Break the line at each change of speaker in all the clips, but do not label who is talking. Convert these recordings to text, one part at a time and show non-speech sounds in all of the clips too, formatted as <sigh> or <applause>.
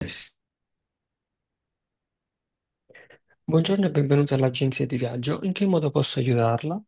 Yes.
Buongiorno e benvenuta all'agenzia di viaggio. In che modo posso aiutarla?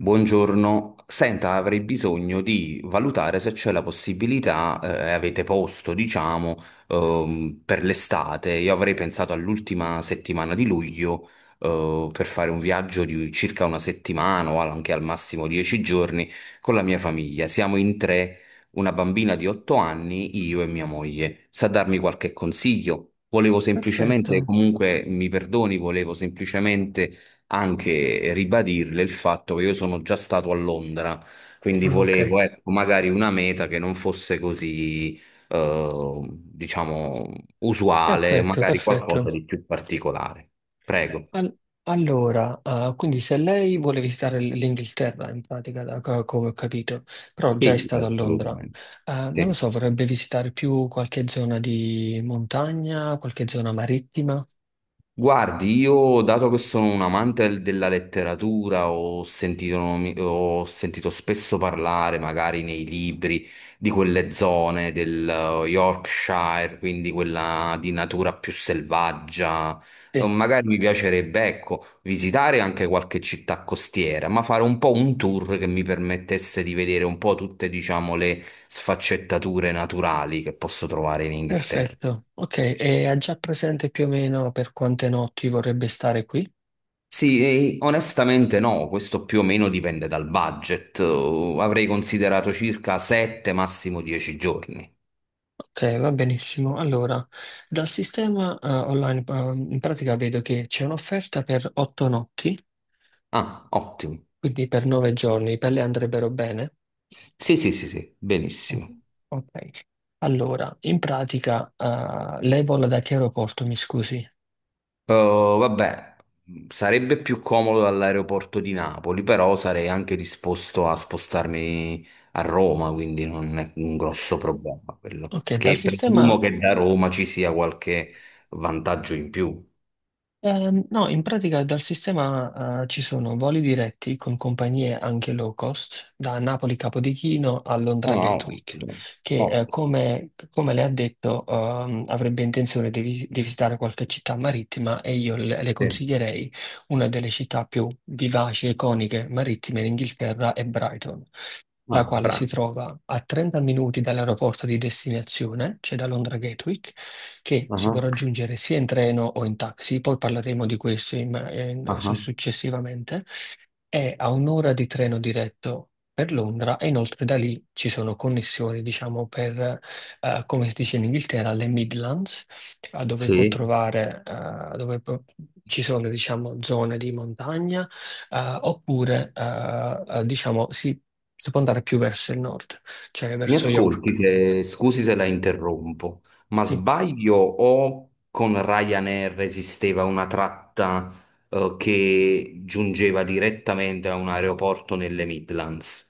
Buongiorno, senta, avrei bisogno di valutare se c'è la possibilità, avete posto, diciamo, per l'estate. Io avrei pensato all'ultima settimana di luglio, per fare un viaggio di circa una settimana o anche al massimo 10 giorni con la mia famiglia. Siamo in tre, una bambina di 8 anni, io e mia moglie. Sa darmi qualche consiglio? Volevo semplicemente,
Perfetto.
comunque mi perdoni, volevo semplicemente anche ribadirle il fatto che io sono già stato a Londra, quindi
Ah, ok.
volevo, ecco, magari una meta che non fosse così, diciamo, usuale,
Perfetto,
magari
perfetto.
qualcosa di più particolare. Prego.
Al- allora, quindi se lei vuole visitare l'Inghilterra, in pratica, come ho capito, però già
Sì,
è
sì,
stata a Londra.
assolutamente.
Non lo
Sì.
so, vorrebbe visitare più qualche zona di montagna, qualche zona marittima?
Guardi, io dato che sono un amante della letteratura, ho sentito spesso parlare, magari nei libri, di quelle zone del Yorkshire, quindi quella di natura più selvaggia. Eh,
Sì.
Magari mi piacerebbe, ecco, visitare anche qualche città costiera, ma fare un po' un tour che mi permettesse di vedere un po' tutte, diciamo, le sfaccettature naturali che posso trovare in Inghilterra.
Perfetto. Ok, e ha già presente più o meno per quante notti vorrebbe stare qui?
Sì, e onestamente no, questo più o meno dipende dal budget. Avrei considerato circa 7, massimo 10 giorni.
Ok, va benissimo. Allora, dal sistema online, in pratica vedo che c'è un'offerta per 8 notti,
Ah, ottimo.
quindi per 9 giorni, per lei andrebbero bene?
Sì, sì, sì, sì, benissimo.
Mm. Ok. Allora, in pratica, lei vola da che aeroporto, mi scusi?
Vabbè, sarebbe più comodo dall'aeroporto di Napoli, però sarei anche disposto a spostarmi a Roma, quindi non è un grosso problema quello.
Ok, dal
Perché presumo
sistema
che da Roma ci sia qualche vantaggio in più.
No, in pratica dal sistema ci sono voli diretti con compagnie anche low cost da Napoli Capodichino a
Ah,
Londra
no,
Gatwick,
ottimo.
che
Ottimo,
come le ha detto avrebbe intenzione di, di visitare qualche città marittima, e io le
sì.
consiglierei una delle città più vivaci e iconiche marittime in Inghilterra è Brighton, la
Ah,
quale si
bravo.
trova a 30 minuti dall'aeroporto di destinazione, cioè da Londra Gatwick, che si può
Ah,
raggiungere sia in treno o in taxi, poi parleremo di questo
ah, ah.
successivamente. È a 1 ora di treno diretto per Londra, e inoltre da lì ci sono connessioni, diciamo, per, come si dice in Inghilterra, le Midlands, dove può
Sì,
trovare, ci sono, diciamo, zone di montagna, oppure, diciamo, si può andare più verso il nord, cioè
mi
verso
ascolti
York.
se, scusi se la interrompo, ma
Sì.
sbaglio o con Ryanair esisteva una tratta che giungeva direttamente a un aeroporto nelle Midlands?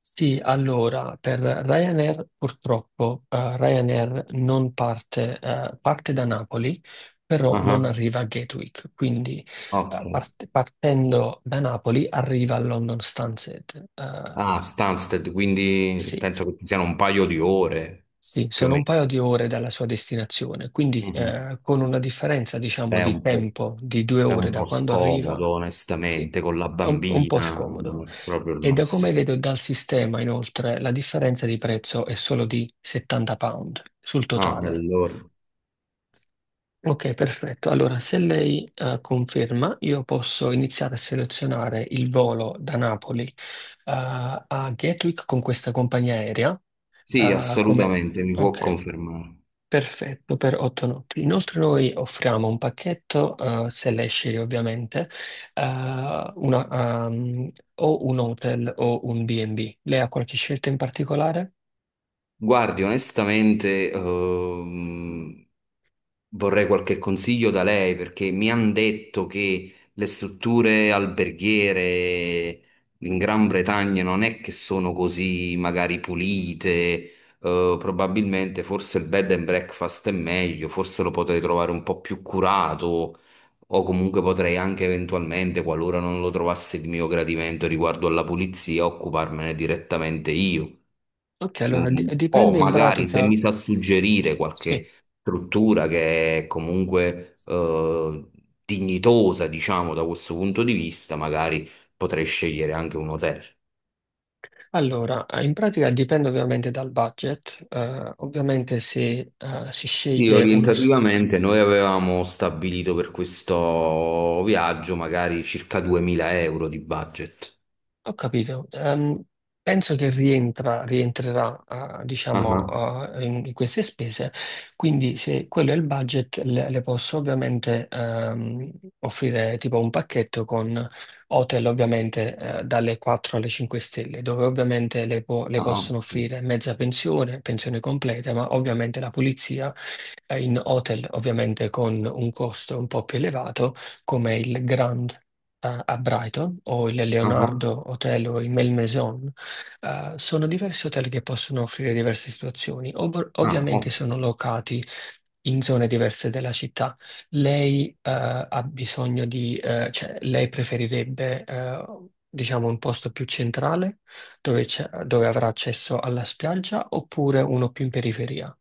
Sì, allora per Ryanair purtroppo Ryanair non parte, parte da Napoli, però
Ah,
non arriva a Gatwick, quindi
ok.
partendo da Napoli arriva a London Stansted.
Ah, Stansted, quindi
Sì.
penso che ci siano un paio di ore
Sì,
più o
sono un paio
meno.
di ore dalla sua destinazione, quindi
Mhm.
con una differenza, diciamo,
È
di
un po',
tempo di due
è
ore
un
da
po'
quando
scomodo,
arriva. Sì,
onestamente, con la
è un po'
bambina,
scomodo.
non è proprio il
E da come
massimo.
vedo dal sistema, inoltre, la differenza di prezzo è solo di 70 sterline sul
No, e
totale.
allora.
Ok, perfetto. Allora, se lei conferma, io posso iniziare a selezionare il volo da Napoli a Gatwick con questa compagnia aerea.
Sì,
eh, come...
assolutamente, mi può
Ok.
confermare.
Perfetto, per 8 notti. Inoltre noi offriamo un pacchetto, se lei sceglie ovviamente, eh, o un hotel o un B&B. Lei ha qualche scelta in particolare?
Guardi, onestamente, vorrei qualche consiglio da lei perché mi hanno detto che le strutture alberghiere in Gran Bretagna non è che sono così magari pulite, probabilmente forse il bed and breakfast è meglio, forse lo potrei trovare un po' più curato, o comunque potrei anche eventualmente, qualora non lo trovassi di mio gradimento riguardo alla pulizia, occuparmene direttamente io.
Ok, allora
O
dipende in
magari se
pratica,
mi sa suggerire
sì.
qualche struttura che è comunque dignitosa, diciamo, da questo punto di vista, magari potrei scegliere anche un hotel.
Allora, in pratica dipende ovviamente dal budget. Ovviamente se si
Sì,
sceglie uno,
orientativamente noi avevamo stabilito per questo viaggio magari circa 2000 euro di budget.
ho capito. Penso che rientrerà,
Ah,
diciamo,
ah,
in queste spese, quindi se quello è il budget, le posso ovviamente offrire tipo un pacchetto con hotel ovviamente dalle 4 alle 5 stelle, dove ovviamente le
ah,
possono
ottimo.
offrire mezza pensione, pensione completa, ma ovviamente la pulizia in hotel ovviamente con un costo un po' più elevato, come il Grand a Brighton o il
Ah, ah.
Leonardo Hotel o il Malmaison. Sono diversi hotel che possono offrire diverse situazioni.
No, no,
Ovviamente sono locati in zone diverse della città. Lei, ha bisogno di, cioè, lei preferirebbe, diciamo, un posto più centrale dove, dove avrà accesso alla spiaggia, oppure uno più in periferia?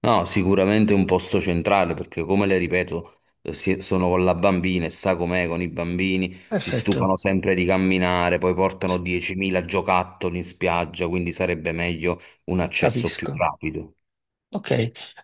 no, sicuramente è un posto centrale perché, come le ripeto, sono con la bambina e sa com'è con i bambini, si
Perfetto,
stufano sempre di camminare, poi portano
sì,
10.000 giocattoli in spiaggia, quindi sarebbe meglio un accesso più
capisco.
rapido.
Ok,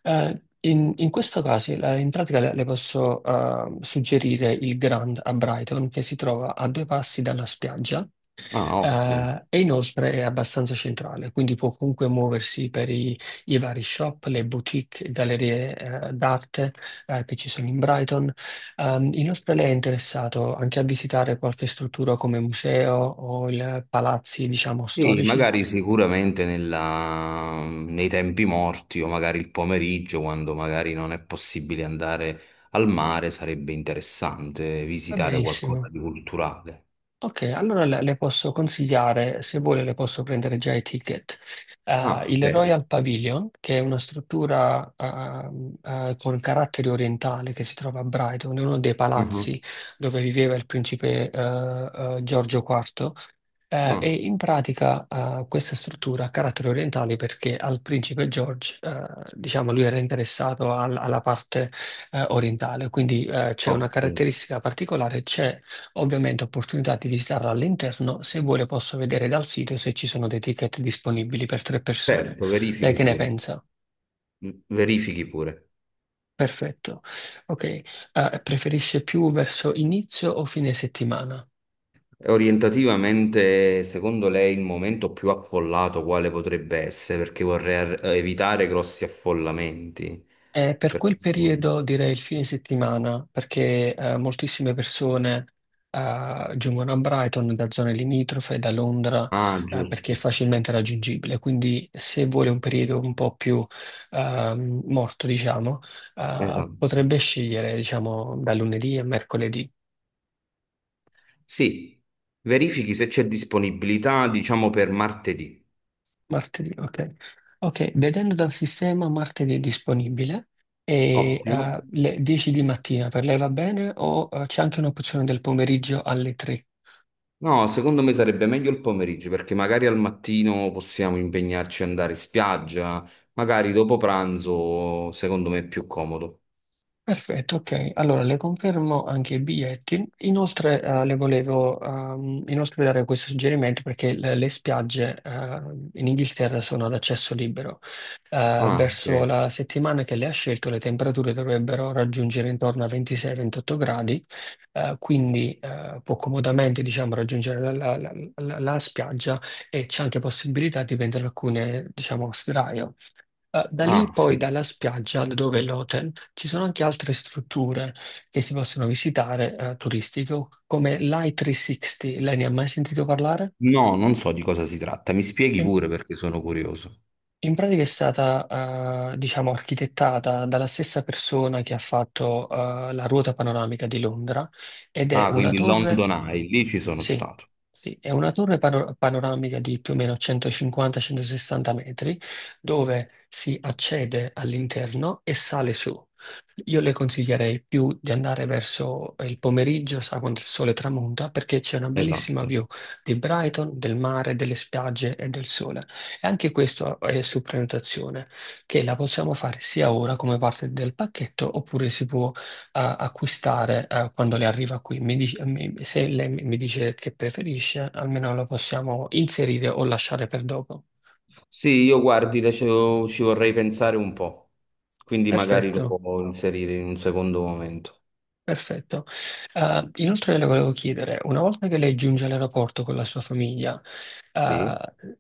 in questo caso in pratica le posso suggerire il Grand a Brighton, che si trova a due passi dalla spiaggia
Ah, ottimo.
e inoltre è abbastanza centrale, quindi può comunque muoversi per i vari shop, le boutique, gallerie d'arte che ci sono in Brighton. Inoltre lei è interessato anche a visitare qualche struttura come museo o palazzi, diciamo,
Sì,
storici?
magari sicuramente nei tempi morti o magari il pomeriggio, quando magari non è possibile andare al mare, sarebbe interessante
Va
visitare
benissimo.
qualcosa di culturale.
Ok, allora le posso consigliare, se vuole le posso prendere già i ticket.
Ah,
Il
vero.
Royal Pavilion, che è una struttura con carattere orientale che si trova a Brighton, è uno dei palazzi dove viveva il principe Giorgio IV. E
Ah,
in pratica questa struttura ha carattere orientale perché al principe George, diciamo, lui era interessato alla parte orientale, quindi c'è una
ottimo.
caratteristica particolare, c'è. Ovviamente ho opportunità di visitarlo all'interno, se vuole posso vedere dal sito se ci sono dei ticket disponibili per 3 persone.
Certo,
Lei
verifichi
che ne
pure.
pensa?
Verifichi pure.
Perfetto. Ok. Preferisce più verso inizio o fine settimana?
E orientativamente, secondo lei, il momento più affollato quale potrebbe essere? Perché vorrei ar- evitare grossi affollamenti.
Per
Per-
quel periodo direi il fine settimana, perché moltissime persone giungono a Brighton da zone limitrofe, da Londra,
Ah,
perché è
giusto.
facilmente raggiungibile. Quindi se vuole un periodo un po' più morto, diciamo,
Esatto.
potrebbe scegliere, diciamo, da lunedì a mercoledì,
Sì, verifichi se c'è disponibilità, diciamo, per martedì.
martedì, ok. Ok, vedendo dal sistema martedì è disponibile. E
Ottimo.
eh, le 10 di mattina per lei va bene, o c'è anche un'opzione del pomeriggio alle 3?
No, secondo me sarebbe meglio il pomeriggio perché magari al mattino possiamo impegnarci ad andare in spiaggia, magari dopo pranzo, secondo me è più comodo.
Perfetto, ok. Allora le confermo anche i biglietti. Inoltre le volevo inoltre dare questo suggerimento perché le spiagge in Inghilterra sono ad accesso libero.
Ah,
Verso
ok.
la settimana che lei ha scelto le temperature dovrebbero raggiungere intorno a 26-28 gradi, quindi può comodamente diciamo, raggiungere la spiaggia, e c'è anche possibilità di prendere alcune diciamo, sdraio. Da lì
Ah,
poi
sì.
dalla spiaggia dove è l'hotel ci sono anche altre strutture che si possono visitare turistiche, come l'I360. Lei ne ha mai sentito parlare?
No, non so di cosa si tratta. Mi spieghi
In,
pure perché sono curioso.
In pratica è stata diciamo architettata dalla stessa persona che ha fatto la ruota panoramica di Londra, ed è
Ah,
una
quindi
torre,
London Eye, lì ci sono
sì,
stato.
sì, è una torre panoramica di più o meno 150-160 metri, dove si accede all'interno e sale su. Io le consiglierei più di andare verso il pomeriggio, sa, quando il sole tramonta, perché c'è una bellissima
Esatto.
view di Brighton, del mare, delle spiagge e del sole. E anche questo è su prenotazione, che la possiamo fare sia ora come parte del pacchetto, oppure si può acquistare quando le arriva qui. Se lei mi dice che preferisce, almeno la possiamo inserire o lasciare per dopo.
Sì, io guardi, ci vorrei pensare un po', quindi magari lo
Perfetto.
può inserire in un secondo momento.
Perfetto. Inoltre le volevo chiedere, una volta che lei giunge all'aeroporto con la sua famiglia,
Sì,
eh,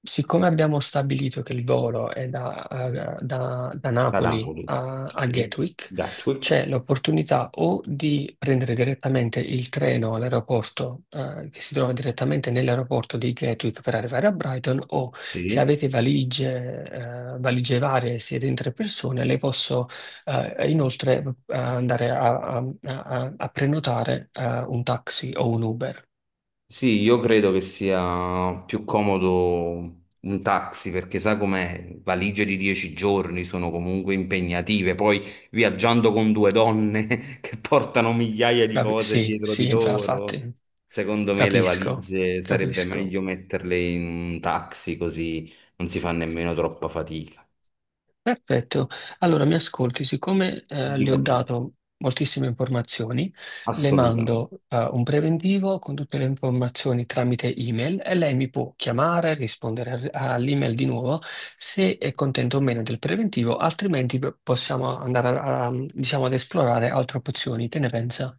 siccome abbiamo stabilito che il volo è da Napoli
Cadapoli.
a
Sì,
Gatwick, c'è
Gatwick.
l'opportunità o di prendere direttamente il treno all'aeroporto, che si trova direttamente nell'aeroporto di Gatwick per arrivare a Brighton, o se
Sì.
avete valigie, valigie varie, siete in 3 persone, le posso inoltre andare a prenotare un taxi o un Uber.
Sì, io credo che sia più comodo un taxi perché sai com'è, valigie di 10 giorni sono comunque impegnative, poi viaggiando con due donne <laughs> che portano migliaia di cose
Sì,
dietro di
sì,
loro,
infatti,
secondo me le
capisco,
valigie sarebbe
capisco.
meglio metterle in un taxi così non si fa nemmeno troppa fatica.
Perfetto, allora mi ascolti, siccome le ho
Dica pure,
dato moltissime informazioni, le
assolutamente.
mando un preventivo con tutte le informazioni tramite email, e lei mi può chiamare, rispondere all'email di nuovo se è contento o meno del preventivo, altrimenti possiamo andare diciamo, ad esplorare altre opzioni. Che ne pensa?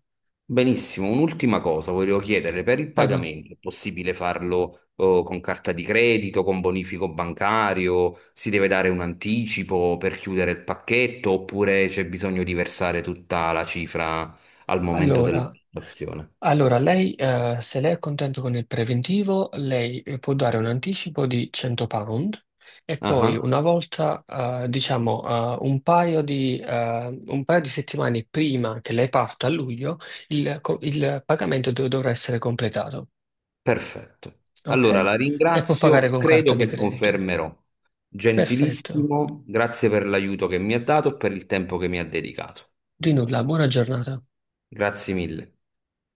Benissimo, un'ultima cosa volevo chiedere, per il
Prego.
pagamento è possibile farlo con carta di credito, con bonifico bancario, si deve dare un anticipo per chiudere il pacchetto oppure c'è bisogno di versare tutta la cifra al momento
Allora,
dell'operazione?
Allora, lei, se lei è contento con il preventivo, lei può dare un anticipo di 100 sterline, e poi
Ah,
una volta, diciamo, un paio di settimane prima che lei parta a luglio, il pagamento dovrà essere completato,
perfetto. Allora
ok?
la
E può pagare
ringrazio,
con carta
credo
di
che
credito.
confermerò.
Perfetto.
Gentilissimo, grazie per l'aiuto che mi ha dato e per il tempo che mi ha dedicato.
Di nulla, buona giornata.
Grazie mille.